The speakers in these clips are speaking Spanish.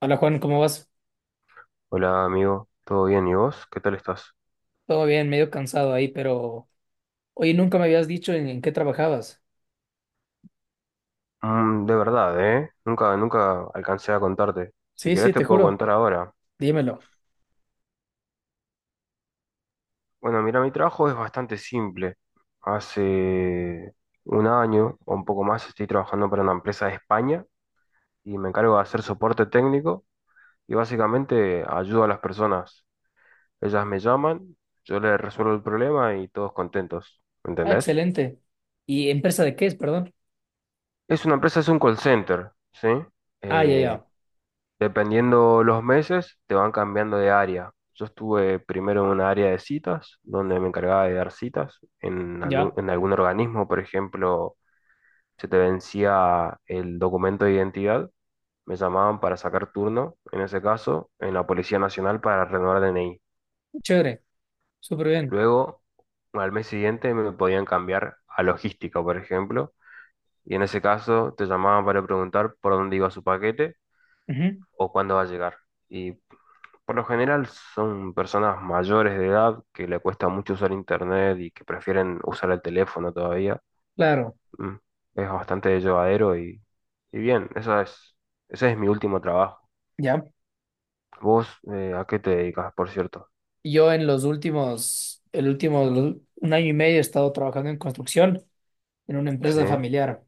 Hola Juan, ¿cómo vas? Hola amigo, ¿todo bien? ¿Y vos? ¿Qué tal estás? Todo bien, medio cansado ahí, pero oye, nunca me habías dicho en qué trabajabas. De verdad, ¿eh? Nunca alcancé a contarte. Si Sí, sí, querés te te puedo juro, contar ahora. dímelo. Bueno, mira, mi trabajo es bastante simple. Hace un año o un poco más estoy trabajando para una empresa de España y me encargo de hacer soporte técnico y básicamente ayudo a las personas. Ellas me llaman, yo les resuelvo el problema y todos contentos. ¿Me Ah, entendés? excelente. ¿Y empresa de qué es, perdón? Es una empresa, es un call center, ¿sí? Ah, ya, Eh, ya, Dependiendo los meses, te van cambiando de área. Yo estuve primero en una área de citas, donde me encargaba de dar citas ya. en algún organismo, por ejemplo, se te vencía el documento de identidad, me llamaban para sacar turno, en ese caso, en la Policía Nacional para renovar DNI. Chévere, súper bien. Luego, al mes siguiente me podían cambiar a logística, por ejemplo, y en ese caso te llamaban para preguntar por dónde iba su paquete Ujú, o cuándo va a llegar. Y por lo general son personas mayores de edad que le cuesta mucho usar internet y que prefieren usar el teléfono todavía. claro, Mm, Es bastante llevadero y bien, ese es mi último trabajo. ya. ¿Vos a qué te dedicas, por cierto? Yo en los últimos, el último, un año y medio he estado trabajando en construcción en una Sí, empresa familiar,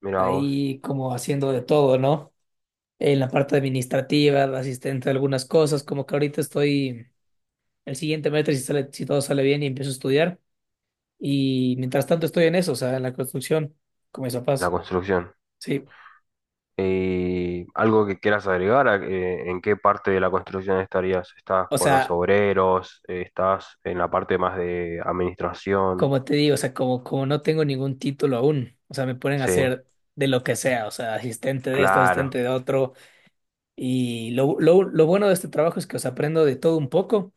mira vos, ahí como haciendo de todo, ¿no? En la parte administrativa, de asistente de algunas cosas, como que ahorita estoy el siguiente mes, si sale, si todo sale bien y empiezo a estudiar. Y mientras tanto estoy en eso, o sea, en la construcción, con mis la papás. construcción. Sí, ¿Y algo que quieras agregar? ¿En qué parte de la construcción estarías? ¿Estás o con los sea, obreros? ¿Estás en la parte más de administración? como te digo, o sea, como no tengo ningún título aún, o sea, me ponen a Sí, hacer de lo que sea, o sea, asistente de esto, asistente claro, de otro. Y lo bueno de este trabajo es que, os aprendo de todo un poco.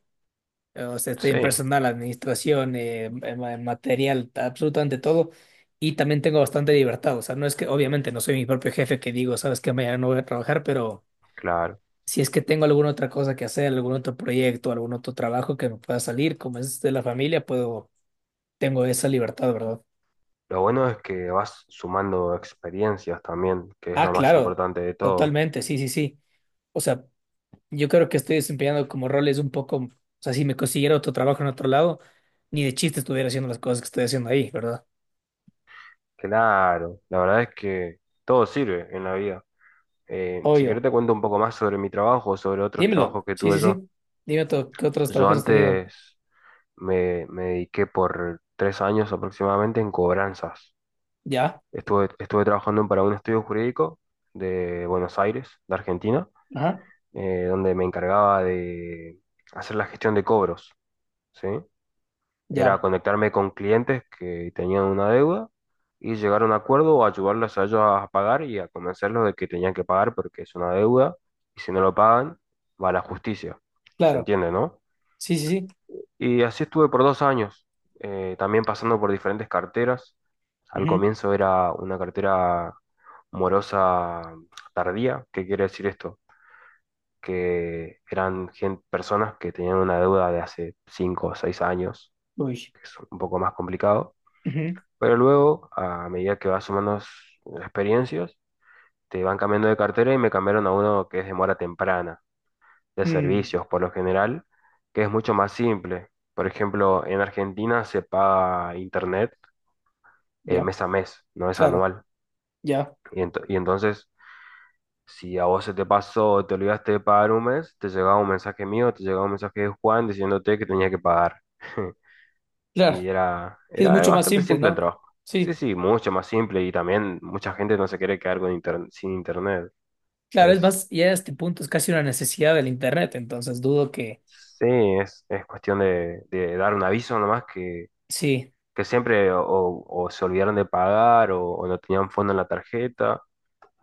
O sea, estoy sí, en personal, administración, en material, absolutamente todo. Y también tengo bastante libertad, o sea, no es que, obviamente, no soy mi propio jefe que digo, sabes que mañana no voy a trabajar, pero claro. si es que tengo alguna otra cosa que hacer, algún otro proyecto, algún otro trabajo que me pueda salir, como es de la familia, puedo, tengo esa libertad, ¿verdad? Lo bueno es que vas sumando experiencias también, que es Ah, lo más claro, importante de todo. totalmente, sí, sí, sí. O sea, yo creo que estoy desempeñando como roles un poco, o sea, si me consiguiera otro trabajo en otro lado, ni de chiste estuviera haciendo las cosas que estoy haciendo ahí, ¿verdad? Claro, la verdad es que todo sirve en la vida. Si querés Obvio. te cuento un poco más sobre mi trabajo, sobre otros Dímelo. trabajos que Sí, tuve sí, yo. sí. Dime tú, ¿qué otros Yo trabajos has tenido? antes me dediqué por 3 años aproximadamente en cobranzas. Ya. Estuve trabajando para un estudio jurídico de Buenos Aires, de Argentina, Ajá. Donde me encargaba de hacer la gestión de cobros, ¿sí? Era Ya. conectarme con clientes que tenían una deuda y llegar a un acuerdo o ayudarlos a ellos a pagar y a convencerlos de que tenían que pagar porque es una deuda y si no lo pagan va a la justicia. ¿Se Claro. entiende, no? Sí, sí, sí. Y así estuve por 2 años, también pasando por diferentes carteras. Al Ujú. comienzo era una cartera morosa tardía. ¿Qué quiere decir esto? Que eran personas que tenían una deuda de hace 5 o 6 años, Uy. que es un poco más complicado. Ujú. Pero luego, a medida que vas sumando experiencias, te van cambiando de cartera y me cambiaron a uno que es de mora temprana, de Mm. servicios por lo general, que es mucho más simple. Por ejemplo, en Argentina se paga internet Ya. mes a mes, no es Claro. anual. Ya. Y entonces, si a vos se te pasó o te olvidaste de pagar un mes, te llegaba un mensaje mío, te llegaba un mensaje de Juan diciéndote que tenías que pagar. Claro. Y era, Sí, es era mucho más bastante simple, simple el ¿no? trabajo. Sí, Sí, sí, mucho más simple y también mucha gente no se quiere quedar con sin internet. claro, es Es, más, ya a este punto es casi una necesidad del Internet, entonces dudo que... sí, es cuestión de dar un aviso nomás Sí, que siempre o se olvidaron de pagar o no tenían fondo en la tarjeta.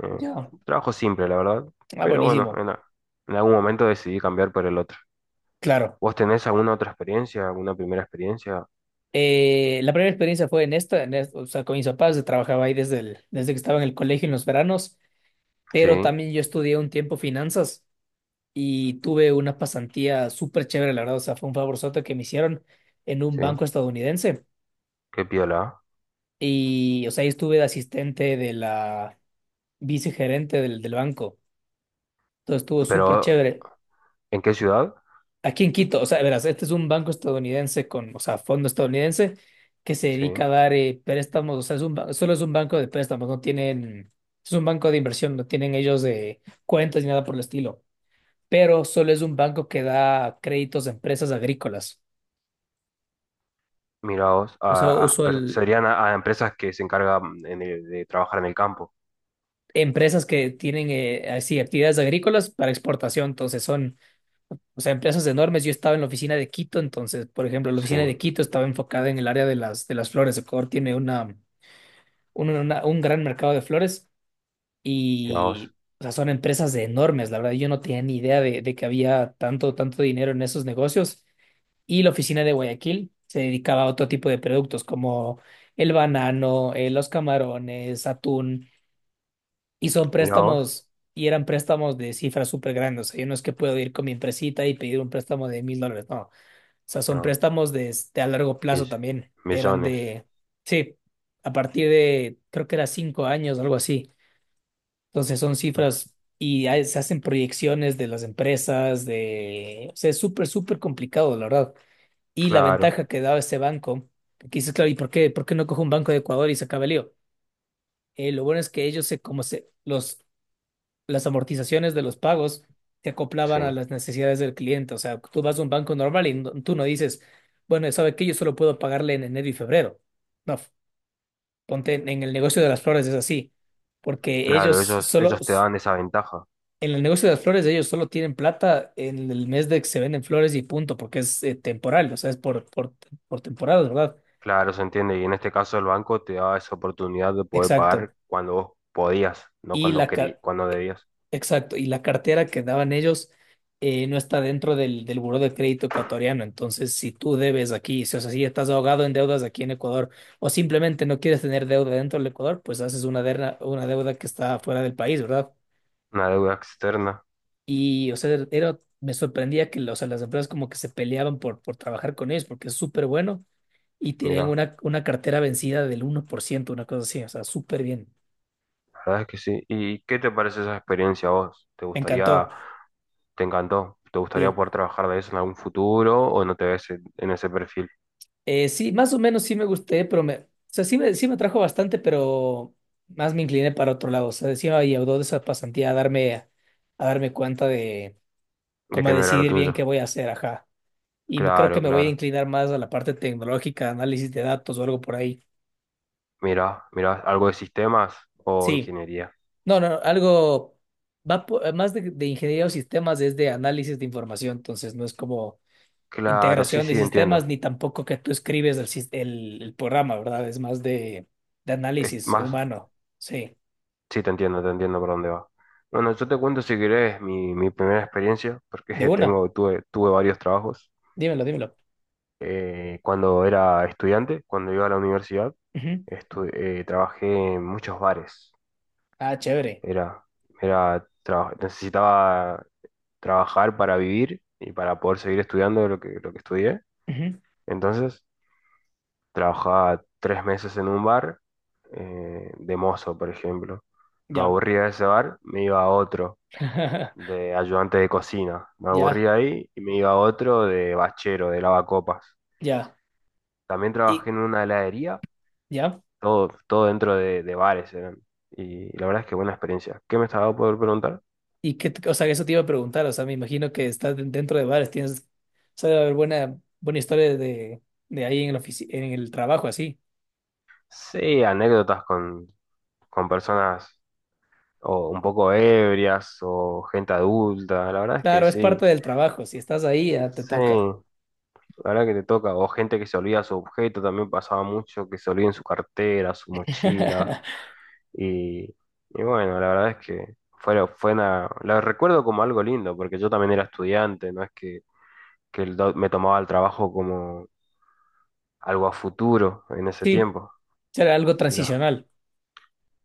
Eh, ya. Trabajo simple, la verdad. Ah, Pero bueno, buenísimo, en algún momento decidí cambiar por el otro. claro. ¿Vos tenés alguna otra experiencia, alguna primera experiencia? La primera experiencia fue en esta, o sea, con mis papás, yo trabajaba ahí desde, desde que estaba en el colegio en los veranos, Sí, pero también yo estudié un tiempo finanzas y tuve una pasantía súper chévere, la verdad, o sea, fue un favorzote que me hicieron en un sí, banco estadounidense qué piola. y, o sea, ahí estuve de asistente de la vicegerente del banco. Entonces estuvo súper Pero, chévere. ¿en qué ciudad? Aquí en Quito, o sea, verás, este es un banco estadounidense con, o sea, fondo estadounidense que se Sí. dedica a dar préstamos, o sea, solo es un banco de préstamos, no tienen, es un banco de inversión, no tienen ellos de cuentas ni nada por el estilo, pero solo es un banco que da créditos a empresas agrícolas, Mira vos, o sea, uso el, serían a empresas que se encargan de trabajar en el campo. empresas que tienen así actividades agrícolas para exportación, entonces son o sea, empresas enormes. Yo estaba en la oficina de Quito, entonces, por ejemplo, la Sí, oficina de mira Quito estaba enfocada en el área de de las flores. Ecuador tiene un gran mercado de flores vos, y, o sea, son empresas enormes. La verdad, yo no tenía ni idea de que había tanto, tanto dinero en esos negocios. Y la oficina de Guayaquil se dedicaba a otro tipo de productos como el banano, los camarones, atún. Y son mira vos. préstamos, y eran préstamos de cifras súper grandes. O sea, yo no es que puedo ir con mi empresita y pedir un préstamo de $1.000, no sea, son No, préstamos de, a largo plazo mill- también. Eran millones. de, sí, a partir de, creo que era 5 años, algo así. Entonces son Mm, cifras y se hacen proyecciones de las empresas, de, o sea, es súper, súper complicado, la verdad. Y la Claro, ventaja que daba ese banco, que dices, claro, ¿y por qué no cojo un banco de Ecuador y se acaba el lío? Lo bueno es que ellos se, como se, los las amortizaciones de los pagos se acoplaban a sí. las necesidades del cliente. O sea, tú vas a un banco normal y tú no dices, bueno, ¿sabe qué? Yo solo puedo pagarle en enero y febrero. No, ponte en el negocio de las flores es así, porque ellos Claro, ellos, solo, ellos te dan esa ventaja. en el negocio de las flores ellos solo tienen plata en el mes de que se venden flores y punto, porque es temporal, o sea, es por temporada, ¿verdad? Claro, se entiende. Y en este caso el banco te da esa oportunidad de poder pagar Exacto. cuando vos podías, no y cuando la, car- cuando debías. Exacto, y la cartera que daban ellos no está dentro del buró de crédito ecuatoriano. Entonces, si tú debes aquí, si, o sea, si estás ahogado en deudas aquí en Ecuador o simplemente no quieres tener deuda dentro del Ecuador, pues haces una deuda que está fuera del país, ¿verdad? Una deuda externa. Y, o sea, era, me sorprendía que o sea, las empresas como que se peleaban por trabajar con ellos porque es súper bueno y tenían Mira, una cartera vencida del 1% una cosa así, o sea, súper bien. la verdad es que sí. ¿Y qué te parece esa experiencia a vos? ¿Te Me encantó. gustaría? ¿Te encantó? ¿Te gustaría Sí. poder trabajar de eso en algún futuro o no te ves en ese perfil? Sí, más o menos sí me gusté, pero me, o sea, sí me atrajo bastante, pero más me incliné para otro lado. O sea, sí me ayudó de esa pasantía a darme, cuenta de De cómo a que no era lo decidir bien qué tuyo. voy a hacer, ajá. Y creo Claro, que me voy a claro. inclinar más a la parte tecnológica, análisis de datos o algo por ahí. Mira, mira, algo de sistemas o Sí, ingeniería. no, no, algo más de ingeniería o sistemas es de análisis de información, entonces no es como Claro, sí, integración de sí, sistemas, entiendo. ni tampoco que tú escribes el programa, ¿verdad? Es más de Es análisis más, humano. Sí, sí, te entiendo por dónde va. Bueno, yo te cuento si querés mi primera experiencia, porque de una. tengo, tuve varios trabajos. Dímelo, dímelo. Cuando era estudiante, cuando iba a la universidad, Ujú. Trabajé en muchos bares. Ah, chévere. Era, Necesitaba trabajar para vivir y para poder seguir estudiando lo que estudié. Ujú. Entonces, trabajaba 3 meses en un bar, de mozo, por ejemplo. Me Ya. aburría de ese bar, me iba a otro, de ayudante de cocina. Me Ya, aburría ahí y me iba a otro de bachero, de lavacopas. ya. También Y trabajé en una heladería, ya. todo dentro de bares eran. Y la verdad es que buena experiencia. ¿Qué me estaba por preguntar? Y qué, o sea, eso te iba a preguntar. O sea, me imagino que estás dentro de bares, tienes, o sea, debe haber buena, buena historia de, ahí en el en el trabajo, así. Sí, anécdotas con personas o un poco ebrias o gente adulta. La verdad es que Claro, es sí, parte del trabajo. Si estás ahí, ya te sí, toca. la verdad que te toca. O gente que se olvida su objeto, también pasaba mucho que se olviden su cartera, su mochila. Y, y bueno, la verdad es que fue la recuerdo como algo lindo, porque yo también era estudiante, no es que, me tomaba el trabajo como algo a futuro en ese Sí, tiempo. será algo Y la, transicional.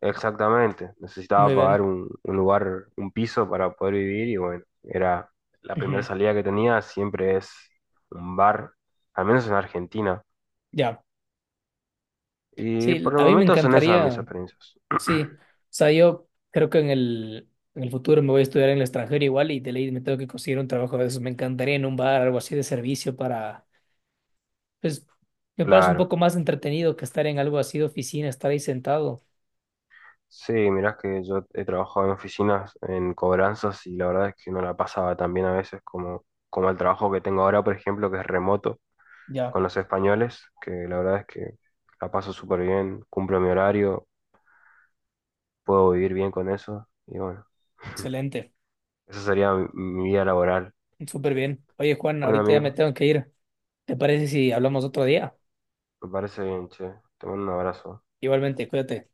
Exactamente, Muy necesitaba pagar bien. un lugar, un piso para poder vivir y bueno, era la primera Ujú, salida que tenía, siempre es un bar, al menos en Argentina. ya, Y por sí, el a mí me momento son esas mis encantaría, experiencias. sí, o sea, yo creo que en el futuro me voy a estudiar en el extranjero igual y de ley me tengo que conseguir un trabajo de esos, me encantaría en un bar, algo así de servicio para, pues, me parece un Claro, poco más entretenido que estar en algo así de oficina, estar ahí sentado, sí, mirás que yo he trabajado en oficinas, en cobranzas y la verdad es que no la pasaba tan bien a veces como el trabajo que tengo ahora, por ejemplo, que es remoto ya, con los españoles, que la verdad es que la paso súper bien, cumplo mi horario, puedo vivir bien con eso y bueno. excelente, Esa sería mi vida laboral. súper bien. Oye, Juan, Bueno, ahorita ya me amigo, tengo que ir, ¿te parece si hablamos otro día? me parece bien, che. Te mando un abrazo. Igualmente, cuídate.